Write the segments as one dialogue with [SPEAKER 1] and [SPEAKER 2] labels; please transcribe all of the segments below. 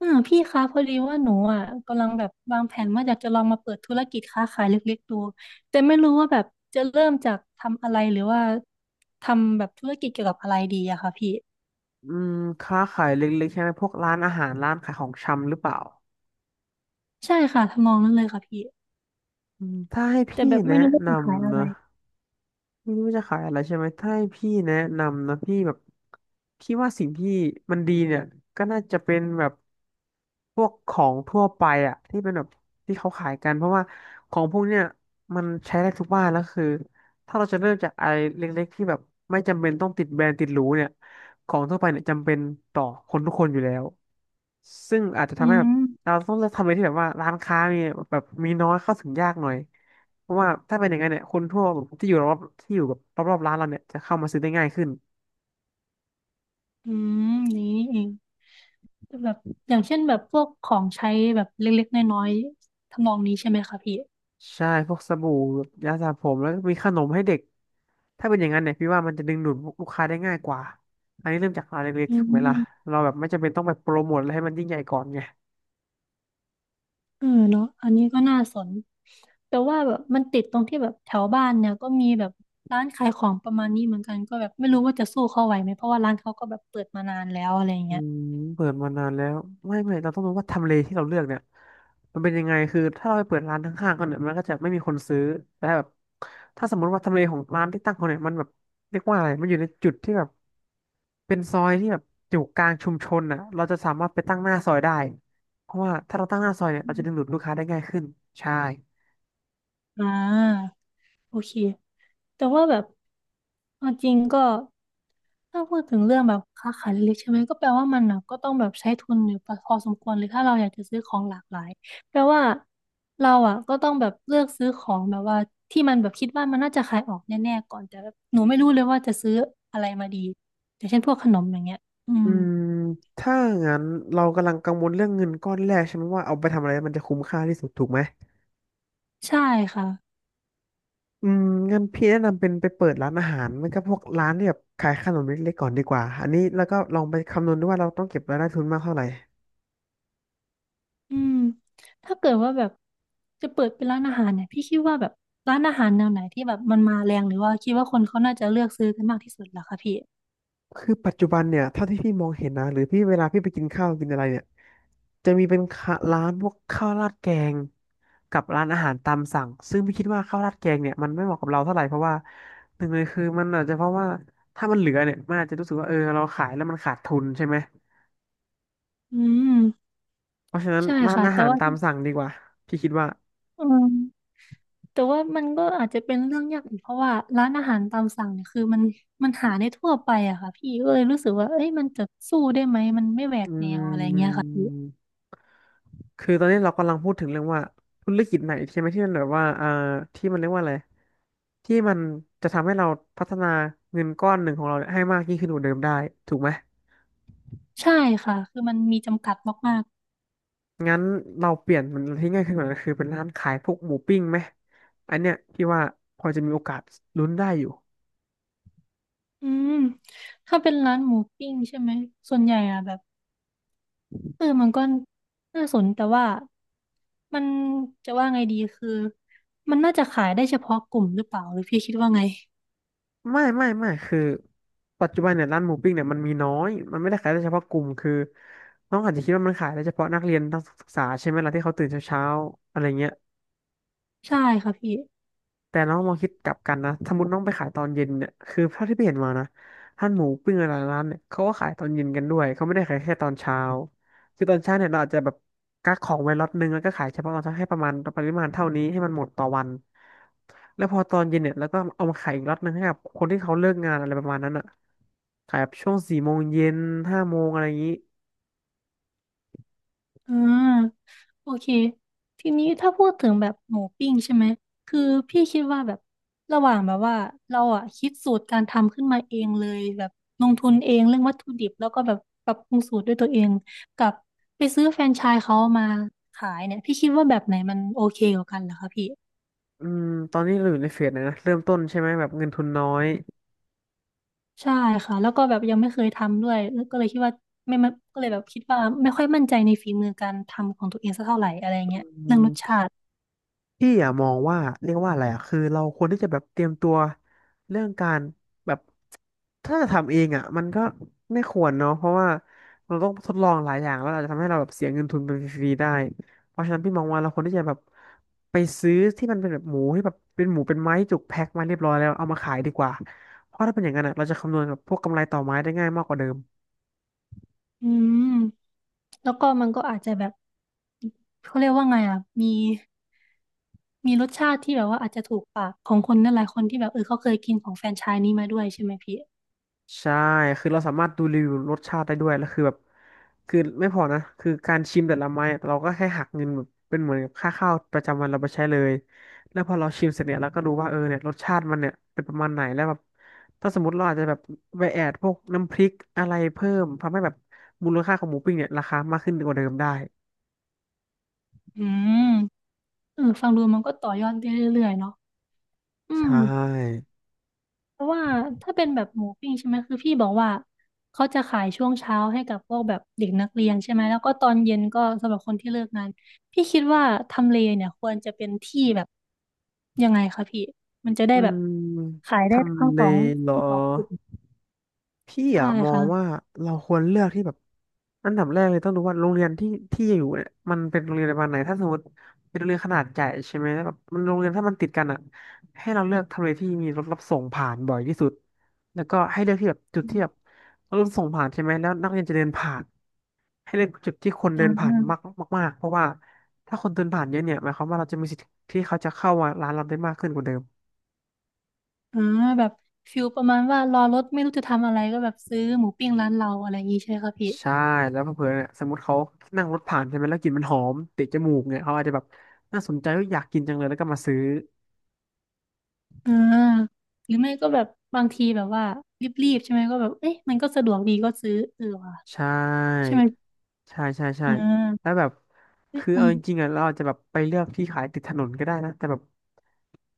[SPEAKER 1] พี่คะพอดีว่าหนูอ่ะกำลังแบบวางแผนว่าอยากจะลองมาเปิดธุรกิจค้าขายเล็กๆดูแต่ไม่รู้ว่าแบบจะเริ่มจากทำอะไรหรือว่าทำแบบธุรกิจเกี่ยวกับอะไรดีอะค่ะพี่
[SPEAKER 2] อืมค้าขายเล็กๆใช่ไหมพวกร้านอาหารร้านขายของชำหรือเปล่า
[SPEAKER 1] ใช่ค่ะทำนองนั้นเลยค่ะพี่
[SPEAKER 2] อืมถ้าให้
[SPEAKER 1] แต่
[SPEAKER 2] พี่
[SPEAKER 1] แบบไม่
[SPEAKER 2] แนะ
[SPEAKER 1] รู้ว่า
[SPEAKER 2] น
[SPEAKER 1] จะขาย
[SPEAKER 2] ำ
[SPEAKER 1] อะไร
[SPEAKER 2] นะ ไม่รู้จะขายอะไรใช่ไหมถ้าให้พี่แนะนำนะพี่แบบพี่ว่าสิ่งที่มันดีเนี่ยก็น่าจะเป็นแบบพวกของทั่วไปที่เป็นแบบที่เขาขายกันเพราะว่าของพวกเนี่ยมันใช้ได้ทุกบ้านแล้วคือถ้าเราจะเริ่มจากอะไรเล็กๆที่แบบไม่จำเป็นต้องติดแบรนด์ติดหรูเนี่ยของทั่วไปเนี่ยจำเป็นต่อคนทุกคนอยู่แล้วซึ่งอาจจะทำ
[SPEAKER 1] อื
[SPEAKER 2] ให้แบบ
[SPEAKER 1] ม
[SPEAKER 2] เราต้องเลือกทำอะไรที่แบบว่าร้านค้ามีแบบมีน้อยเข้าถึงยากหน่อย เพราะว่าถ้าเป็นอย่างนั้นเนี่ยคนทั่วที่อยู่รอบที่อยู่แบบรอบๆร้านเราเนี่ยจะเข้ามาซื้อได้ง่ายขึ้น
[SPEAKER 1] อืมนี้นี่เองแบบอย่างเช่นแบบพวกของใช้แบบเล็กๆน้อยๆทำนองนี้ใช่ไหมคะพี่
[SPEAKER 2] ใช่พวกสบู่ยาสระผมแล้วก็มีขนมให้เด็กถ้าเป็นอย่างนั้นเนี่ยพี่ว่ามันจะดึงดูดลูกค้าได้ง่ายกว่าอันนี้เริ่มจากร้านเล็ก
[SPEAKER 1] อื
[SPEAKER 2] ๆถูกไหมล่ะ
[SPEAKER 1] ม
[SPEAKER 2] เราแบบไม่จำเป็นต้องไปโปรโมทอะไรให้มันยิ่งใหญ่ก่อนไง
[SPEAKER 1] เออเนาะอันนี้ก็น่าสนแต่ว่าแบบมันติดตรงที่แบบแถวบ้านเนี่ยก็มีแบบร้านขายของประมาณนี้เหมือนกันก็แบบไม่รู้ว่าจะสู้เขาไหวไหมเพราะว่าร้านเขาก็แบบเปิดมานานแล้วอะไร
[SPEAKER 2] อื
[SPEAKER 1] เงี้ย
[SPEAKER 2] มเปิดมานานแล้วไม่เราต้องรู้ว่าทำเลที่เราเลือกเนี่ยมันเป็นยังไงคือถ้าเราไปเปิดร้านข้างๆกันเนี่ยมันก็จะไม่มีคนซื้อแต่แบบถ้าสมมติว่าทำเลของร้านที่ตั้งเขาเนี่ยมันแบบเรียกว่าอะไรมันอยู่ในจุดที่แบบ เป็นซอยที่แบบอยู่กลางชุมชนอ่ะเราจะสามารถไปตั้งหน้าซอยได้ เพราะว่าถ้าเราตั้งหน้าซอยเนี่ยเราจะดึงดูดลูกค้าได้ง่ายขึ้น ใช่
[SPEAKER 1] อ่า โอเค แต่ว่าแบบเอาจริงก็ถ้าพูดถึงเรื่องแบบค้าขายเล็กๆใช่ไหมก็แปลว่ามันนะก็ต้องแบบใช้ทุนอยู่พอสมควรเลยถ้าเราอยากจะซื้อของหลากหลายแปลว่าเราอ่ะก็ต้องแบบเลือกซื้อของแบบว่าที่มันแบบคิดว่ามันน่าจะขายออกแน่ๆก่อนแต่แบบหนูไม่รู้เลยว่าจะซื้ออะไรมาดีอย่างเช่นพวกขนมอย่างเงี้ยอื
[SPEAKER 2] อื
[SPEAKER 1] ม
[SPEAKER 2] มถ้างั้นเรากำลังกังวลเรื่องเงินก้อนแรกใช่ไหมว่าเอาไปทำอะไรมันจะคุ้มค่าที่สุดถูกไหม
[SPEAKER 1] ใช่ค่ะ
[SPEAKER 2] อืมงั้นพี่แนะนำเป็นไปเปิดร้านอาหารมันก็พวกร้านที่แบบขายขนมเล็กๆก่อนดีกว่าอันนี้แล้วก็ลองไปคำนวณดูว่าเราต้องเก็บรายได้ทุนมากเท่าไหร่
[SPEAKER 1] อืมถ้าเกิดว่าแบบจะเปิดเป็นร้านอาหารเนี่ยพี่คิดว่าแบบร้านอาหารแนวไหนที่แบบมันมาแรงหรือว่าคิดว่าคนเขาน่าจะเลือกซื้อกันมากที่สุดเหรอคะพี่
[SPEAKER 2] คือปัจจุบันเนี่ยเท่าที่พี่มองเห็นนะหรือพี่เวลาพี่ไปกินข้าวกินอะไรเนี่ยจะมีเป็นข้าร้านพวกข้าวราดแกงกับร้านอาหารตามสั่งซึ่งพี่คิดว่าข้าวราดแกงเนี่ยมันไม่เหมาะกับเราเท่าไหร่เพราะว่าหนึ่งเลยคือมันอาจจะเพราะว่าถ้ามันเหลือเนี่ยมันอาจจะรู้สึกว่าเออเราขายแล้วมันขาดทุนใช่ไหม
[SPEAKER 1] อืม
[SPEAKER 2] เพราะฉะนั้น
[SPEAKER 1] ใช่
[SPEAKER 2] ร้าน
[SPEAKER 1] ค่ะ
[SPEAKER 2] อา
[SPEAKER 1] แต่
[SPEAKER 2] หาร
[SPEAKER 1] ว่า
[SPEAKER 2] ตามสั่งดีกว่าพี่คิดว่า
[SPEAKER 1] อืมแต่ว่ามันก็อาจจะเป็นเรื่องยากอีกเพราะว่าร้านอาหารตามสั่งเนี่ยคือมันหาได้ทั่วไปอะค่ะพี่ก็เลยรู้สึกว่าเอ้ยมันจะสู้ได้ไหมมันไม่แหว
[SPEAKER 2] อื
[SPEAKER 1] กแนวอะไรเงี้ยค่ะพี่
[SPEAKER 2] ม คือตอนนี้เรากำลังพูดถึงเรื่องว่าธุรกิจไหนใช่ไหมที่มันแบบว่าที่มันเรียกว่าอะไรที่มันจะทำให้เราพัฒนาเงินก้อนหนึ่งของเราเนี่ยให้มากยิ่งขึ้นกว่าเดิมได้ถูกไหม
[SPEAKER 1] ใช่ค่ะคือมันมีจำกัดมาก
[SPEAKER 2] งั้นเราเปลี่ยนมันที่ง่ายขึ้นกว่านั้นคือเป็นร้านขายพวกหมูปิ้งไหมอันเนี้ยพี่ว่าพอจะมีโอกาสลุ้นได้อยู่
[SPEAKER 1] ๆอืมถ้าเป็นร้านหมูปิ้งใช่ไหมส่วนใหญ่อะแบบ เออมันก็น่าสนแต่ว่ามันจะว่าไงดีคือมันน่าจะขายได้เฉพาะกลุ่มหรือเปล่าหรือพี่คิดว่าไง
[SPEAKER 2] ไม่คือปัจจุบันเนี่ยร้านหมูปิ้งเนี่ยมันมีน้อยมันไม่ได้ขายได้เฉพาะกลุ่มคือน้องอาจจะคิดว่ามันขายได้เฉพาะนักเรียนนักศึกษาใช่ไหมล่ะที่เขาตื่นเช้าๆอะไรเงี้ย
[SPEAKER 1] ใช่ค่ะพี่
[SPEAKER 2] แต่น้องมองคิดกลับกันนะสมมติน้องไปขายตอนเย็นเนี่ยคือเท่าที่ไปเห็นมานะร้านหมูปิ้งอะไรร้านเนี่ยเขาก็ขายตอนเย็นกันด้วยเขาไม่ได้ขายแค่ตอนเช้าคือตอนเช้าเนี่ยเราอาจจะแบบกักของไว้ล็อตนึงแล้วก็ขายเฉพาะตอนเช้าให้ประมาณปริมาณเท่านี้ให้มันหมดต่อวันแล้วพอตอนเย็นเนี่ยแล้วก็เอามาขายอีกล็อตนึงให้กับคนที่เขาเลิกงานอะไรประมาณนั้นอ่ะขายแบบช่วง4 โมงเย็น 5 โมงอะไรอย่างนี้
[SPEAKER 1] อ่าโอเคทีนี้ถ้าพูดถึงแบบหมูปิ้งใช่ไหมคือพี่คิดว่าแบบระหว่างแบบว่าเราอ่ะคิดสูตรการทำขึ้นมาเองเลยแบบลงทุนเองเรื่องวัตถุดิบแล้วก็แบบปรับปรุงสูตรด้วยตัวเองกับไปซื้อแฟรนไชส์เขามาขายเนี่ยพี่คิดว่าแบบไหนมันโอเคกว่ากันเหรอคะพี่
[SPEAKER 2] อืมตอนนี้เราอยู่ในเฟสไหนนะเริ่มต้นใช่ไหมแบบเงินทุนน้อย
[SPEAKER 1] ใช่ค่ะแล้วก็แบบยังไม่เคยทำด้วยแล้วก็เลยคิดว่าไม่ไม่ก็เลยแบบคิดว่าไม่ค่อยมั่นใจในฝีมือการทำของตัวเองสักเท่าไหร่อะไร
[SPEAKER 2] อื
[SPEAKER 1] เงี้ยเรื่องรสชา
[SPEAKER 2] ม
[SPEAKER 1] ติ
[SPEAKER 2] พี่อะมองว่าเรียกว่าอะไรอะคือเราควรที่จะแบบเตรียมตัวเรื่องการแบบถ้าจะทำเองอะมันก็ไม่ควรเนาะเพราะว่าเราต้องทดลองหลายอย่างแล้วอาจจะทำให้เราแบบเสียเงินทุนไปฟรีๆได้เพราะฉะนั้นพี่มองว่าเราควรที่จะแบบไปซื้อที่มันเป็นแบบหมูที่แบบเป็นหมูเป็นไม้จุกแพ็คมาเรียบร้อยแล้วเอามาขายดีกว่าเพราะถ้าเป็นอย่างนั้นอะเราจะคำนวณกับพวกกำไรต่อไม้ได้ง่ายมากกว่าเดิม
[SPEAKER 1] อืมแล้วก็มันก็อาจจะแบบเขาเรียกว่าไงอ่ะมีรสชาติที่แบบว่าอาจจะถูกปากของคนนั่นหลายคนที่แบบเออเขาเคยกินของแฟรนไชส์นี้มาด้วยใช่ไหมพี่
[SPEAKER 2] ใช่คือเราสามารถดูรีวิวรสชาติได้ด้วยแล้วคือแบบคือไม่พอนะคือการชิมแต่ละไม้อะเราก็แค่หักเงินแบบเป็นเหมือนกับค่าข้าวประจำวันเราไปใช้เลยแล้วพอเราชิมเสร็จเนี่ยเราก็รู้ว่าเออเนี่ยรสชาติมันเนี่ยเป็นประมาณไหนแล้วแบบถ้าสมมติเราอาจจะแบบไปแอดพวกน้ำพริกอะไรเพิ่มทำให้แบบมูลค่าของหมูปิ้งเนี่ยราคามากขึ้นกว่าเดิมได้
[SPEAKER 1] อืมเออฟังดูมันก็ต่อยอดได้เรื่อยๆเนาะอื
[SPEAKER 2] ใช
[SPEAKER 1] ม
[SPEAKER 2] ่
[SPEAKER 1] เพราะว่าถ้าเป็นแบบหมูปิ้งใช่ไหมคือพี่บอกว่าเขาจะขายช่วงเช้าให้กับพวกแบบเด็กนักเรียนใช่ไหมแล้วก็ตอนเย็นก็สำหรับคนที่เลิกงานพี่คิดว่าทำเลเนี่ยควรจะเป็นที่แบบยังไงคะพี่มันจะได้
[SPEAKER 2] อื
[SPEAKER 1] แบบ
[SPEAKER 2] ม
[SPEAKER 1] ขาย
[SPEAKER 2] ท
[SPEAKER 1] ได้ทั้ง
[SPEAKER 2] ำเล
[SPEAKER 1] สอง
[SPEAKER 2] เหรอ
[SPEAKER 1] ทั้งสองกลุ่ม
[SPEAKER 2] พี่
[SPEAKER 1] ใช่
[SPEAKER 2] อะมอ
[SPEAKER 1] ค่ะ
[SPEAKER 2] งว่าเราควรเลือกที่แบบอันดับแรกเลยต้องดูว่าโรงเรียนที่อยู่เนี่ยมันเป็นโรงเรียนประมาณไหนถ้าสมมติเป็นโรงเรียนขนาดใหญ่ใช่ไหมแบบมันโรงเรียนถ้ามันติดกันอะให้เราเลือกทำเลที่มีรถรับส่งผ่านบ่อยที่สุดแล้วก็ให้เลือกที่แบบจุดที่แบบรถรับส่งผ่านใช่ไหมแล้วนักเรียนจะเดินผ่านให้เลือกจุดที่คน
[SPEAKER 1] อ่
[SPEAKER 2] เดินผ่านมาก
[SPEAKER 1] า
[SPEAKER 2] มากๆเพราะว่าถ้าคนเดินผ่านเยอะเนี่ยหมายความว่าเราจะมีสิทธิ์ที่เขาจะเข้ามาร้านเราได้มากขึ้นกว่าเดิม
[SPEAKER 1] อ่าแบบฟิลประมาณว่ารอรถไม่รู้จะทำอะไรก็แบบซื้อหมูปิ้งร้านเราอะไรอย่างนี้ใช่ไหมคะพี่
[SPEAKER 2] ใช่แล้วเผื่อๆเนี่ยสมมติเขานั่งรถผ่านใช่ไหมแล้วกลิ่นมันหอมติดจมูกเนี่ยเขาอาจจะแบบน่าสนใจว่าอยากกินจังเลยแล้วก็มาซื้อ
[SPEAKER 1] อ่าหรือไม่ก็แบบบางทีแบบว่ารีบๆใช่ไหมก็แบบเอ๊ะมันก็สะดวกดีก็ซื้อเออว่ะ
[SPEAKER 2] ใช่
[SPEAKER 1] ใช่ไหม
[SPEAKER 2] ใช่ใช่ใช่
[SPEAKER 1] อ่
[SPEAKER 2] แล้ว
[SPEAKER 1] า
[SPEAKER 2] แบบ
[SPEAKER 1] เอ๊ะ
[SPEAKER 2] คือ
[SPEAKER 1] ฟั
[SPEAKER 2] เอา
[SPEAKER 1] ง
[SPEAKER 2] จริงๆอ่ะเราอาจจะแบบไปเลือกที่ขายติดถนนก็ได้นะแต่แบบ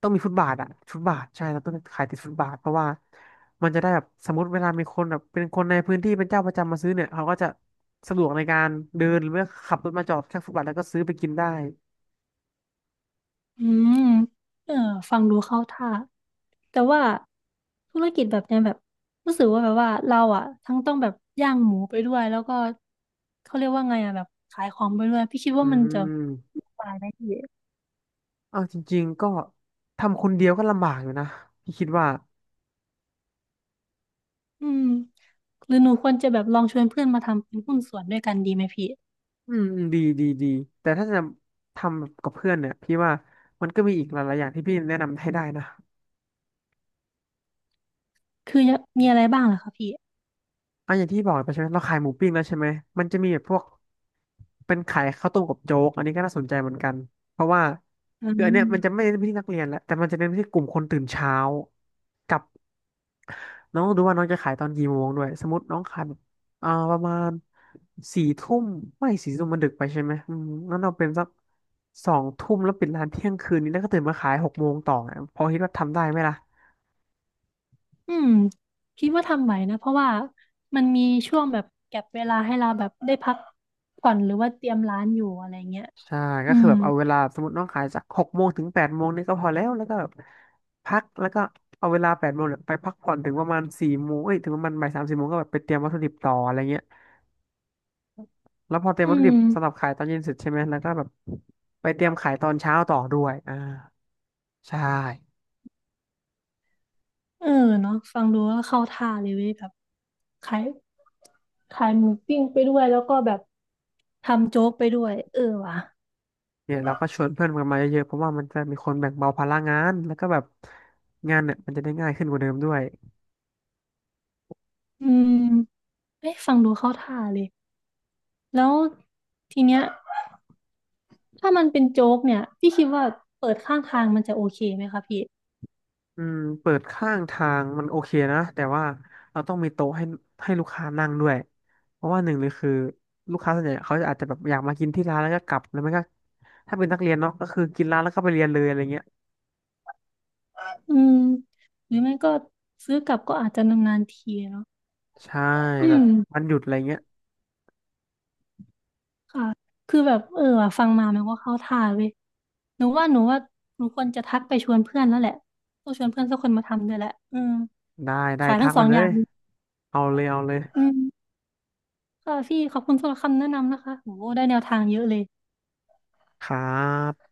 [SPEAKER 2] ต้องมีฟุตบาทอ่ะฟุตบาทใช่เราต้องขายติดฟุตบาทเพราะว่ามันจะได้แบบสมมติเวลามีคนแบบเป็นคนในพื้นที่เป็นเจ้าประจำมาซื้อเนี่ยเขาก็จะสะดวกในการเดินหรือว่าขับรถมาจอดข้างฟุตบาทแล้วก็ซื้อไปกินได้
[SPEAKER 1] อืมเออฟังดูเข้าท่าแต่ว่าธุรกิจแบบเนี้ยแบบรู้สึกว่าแบบว่าเราอ่ะทั้งต้องแบบย่างหมูไปด้วยแล้วก็เขาเรียกว่าไงอ่ะแบบขายของไปด้วยพี่คิด
[SPEAKER 2] อื
[SPEAKER 1] ว่ามันจะ
[SPEAKER 2] ม
[SPEAKER 1] วุ่นวายไหมพี่
[SPEAKER 2] เอาจริงๆก็ทำคนเดียวก็ลำบากอยู่นะพี่คิดว่า
[SPEAKER 1] อืมหรือหนูควรจะแบบลองชวนเพื่อนมาทำเป็นหุ้นส่วนด้วยกันดีไหมพี่
[SPEAKER 2] อืมอืมดีดีดีแต่ถ้าจะทำกับเพื่อนเนี่ยพี่ว่ามันก็มีอีกหลายๆอย่างที่พี่แนะนำให้ได้นะ
[SPEAKER 1] คือมีอะไรบ้างล่ะคะพี่
[SPEAKER 2] อ่ะอย่างที่บอกไปใช่ไหมเราขายหมูปิ้งแล้วใช่ไหมมันจะมีแบบพวกเป็นขายข้าวต้มกับโจ๊กอันนี้ก็น่าสนใจเหมือนกันเพราะว่า
[SPEAKER 1] อื
[SPEAKER 2] คืออันเนี้ยมันจะไม่
[SPEAKER 1] ม
[SPEAKER 2] เน้นไปที่นักเรียนละแต่มันจะเน้นไปที่กลุ่มคนตื่นเช้ากับ น้องต้องดูว่าน้องจะขายตอนกี่โมงด้วยสมมติน้องขายแบบประมาณสี่ทุ่มไม่สี่ทุ่มมันดึกไปใช่ไหมอืมงั้นเราเป็นสักสองทุ่มแล้วปิดร้านเที่ยงคืนนี้แล้วก็ตื่นมาขายหกโมงต่อไงพอคิดว่าทำได้ไหมล่ะ
[SPEAKER 1] อืมคิดว่าทำไหวนะเพราะว่ามันมีช่วงแบบแก็ปเวลาให้เราแบบได้พักผ่อนหรือว่าเตรียมร้านอยู่อะไรเงี้ย
[SPEAKER 2] ใช่
[SPEAKER 1] อื
[SPEAKER 2] ก็คือ
[SPEAKER 1] ม
[SPEAKER 2] แบบเอาเวลาสมมติน้องขายจากหกโมงถึงแปดโมงนี่ก็พอแล้วแล้วก็แบบพักแล้วก็เอาเวลาแปดโมงเนี่ยไปพักผ่อนถึงประมาณสี่โมงเอ้ยถึงประมาณบ่ายสามสี่โมงก็แบบไปเตรียมวัตถุดิบต่ออะไรเงี้ยแล้วพอเตรียม
[SPEAKER 1] อื
[SPEAKER 2] วัตถุดิบ
[SPEAKER 1] ม
[SPEAKER 2] สำหรับขายตอนเย็นเสร็จใช่ไหมแล้วก็แบบไปเตรียมขายตอนเช้าต่อด้วยอ่า ใช่
[SPEAKER 1] เออเนาะฟังดูก็เข้าท่าเลยเว้ยแบบขายขายหมูปิ้งไปด้วยแล้วก็แบบทำโจ๊กไปด้วยเออว่ะ
[SPEAKER 2] เนี่ยเราก็ชวนเพื่อนกันมาเยอะๆเพราะว่ามันจะมีคนแบ่งเบาภาระงานแล้วก็แบบงานเนี่ยมันจะได้ง่ายขึ้นกว่าเดิมด้วย
[SPEAKER 1] อืมเอ้ยฟังดูเข้าท่าเลยแล้วทีเนี้ยถ้ามันเป็นโจ๊กเนี่ยพี่คิดว่าเปิดข้างทางมันจะโอเคไหมคะพี่
[SPEAKER 2] อืมเปิดข้างทางมันโอเคนะแต่ว่าเราต้องมีโต๊ะให้ลูกค้านั่งด้วยเพราะว่าหนึ่งเลยคือลูกค้าส่วนใหญ่เขาอาจจะแบบอยากมากินที่ร้านแล้วก็กลับแล้วไม่ก็ถ้าเป็นนักเรียนเนาะก็คือกินร้านแล้วก็ไปเรียนเลยอะไรเงี้ย
[SPEAKER 1] อืมหรือไม่ก็ซื้อกลับก็อาจจะนานๆทีเนาะ
[SPEAKER 2] ใช่
[SPEAKER 1] อื
[SPEAKER 2] แบบ
[SPEAKER 1] ม
[SPEAKER 2] วันหยุดอะไรเงี้ย
[SPEAKER 1] ค่ะคือแบบเออว่ะฟังมามันก็เข้าท่าเว้ยหนูว่าหนูควรจะทักไปชวนเพื่อนแล้วแหละต้องชวนเพื่อนสักคนมาทำด้วยแหละอืม
[SPEAKER 2] ได้ได้
[SPEAKER 1] ขาย
[SPEAKER 2] ทั
[SPEAKER 1] ทั้
[SPEAKER 2] ก
[SPEAKER 1] งส
[SPEAKER 2] ไป
[SPEAKER 1] อง
[SPEAKER 2] เล
[SPEAKER 1] อย่า
[SPEAKER 2] ย
[SPEAKER 1] งเลย
[SPEAKER 2] เอาเลยเอาเลย
[SPEAKER 1] อืมค่ะพี่ขอบคุณสำหรับคำแนะนำนะคะโหได้แนวทางเยอะเลย
[SPEAKER 2] ครับ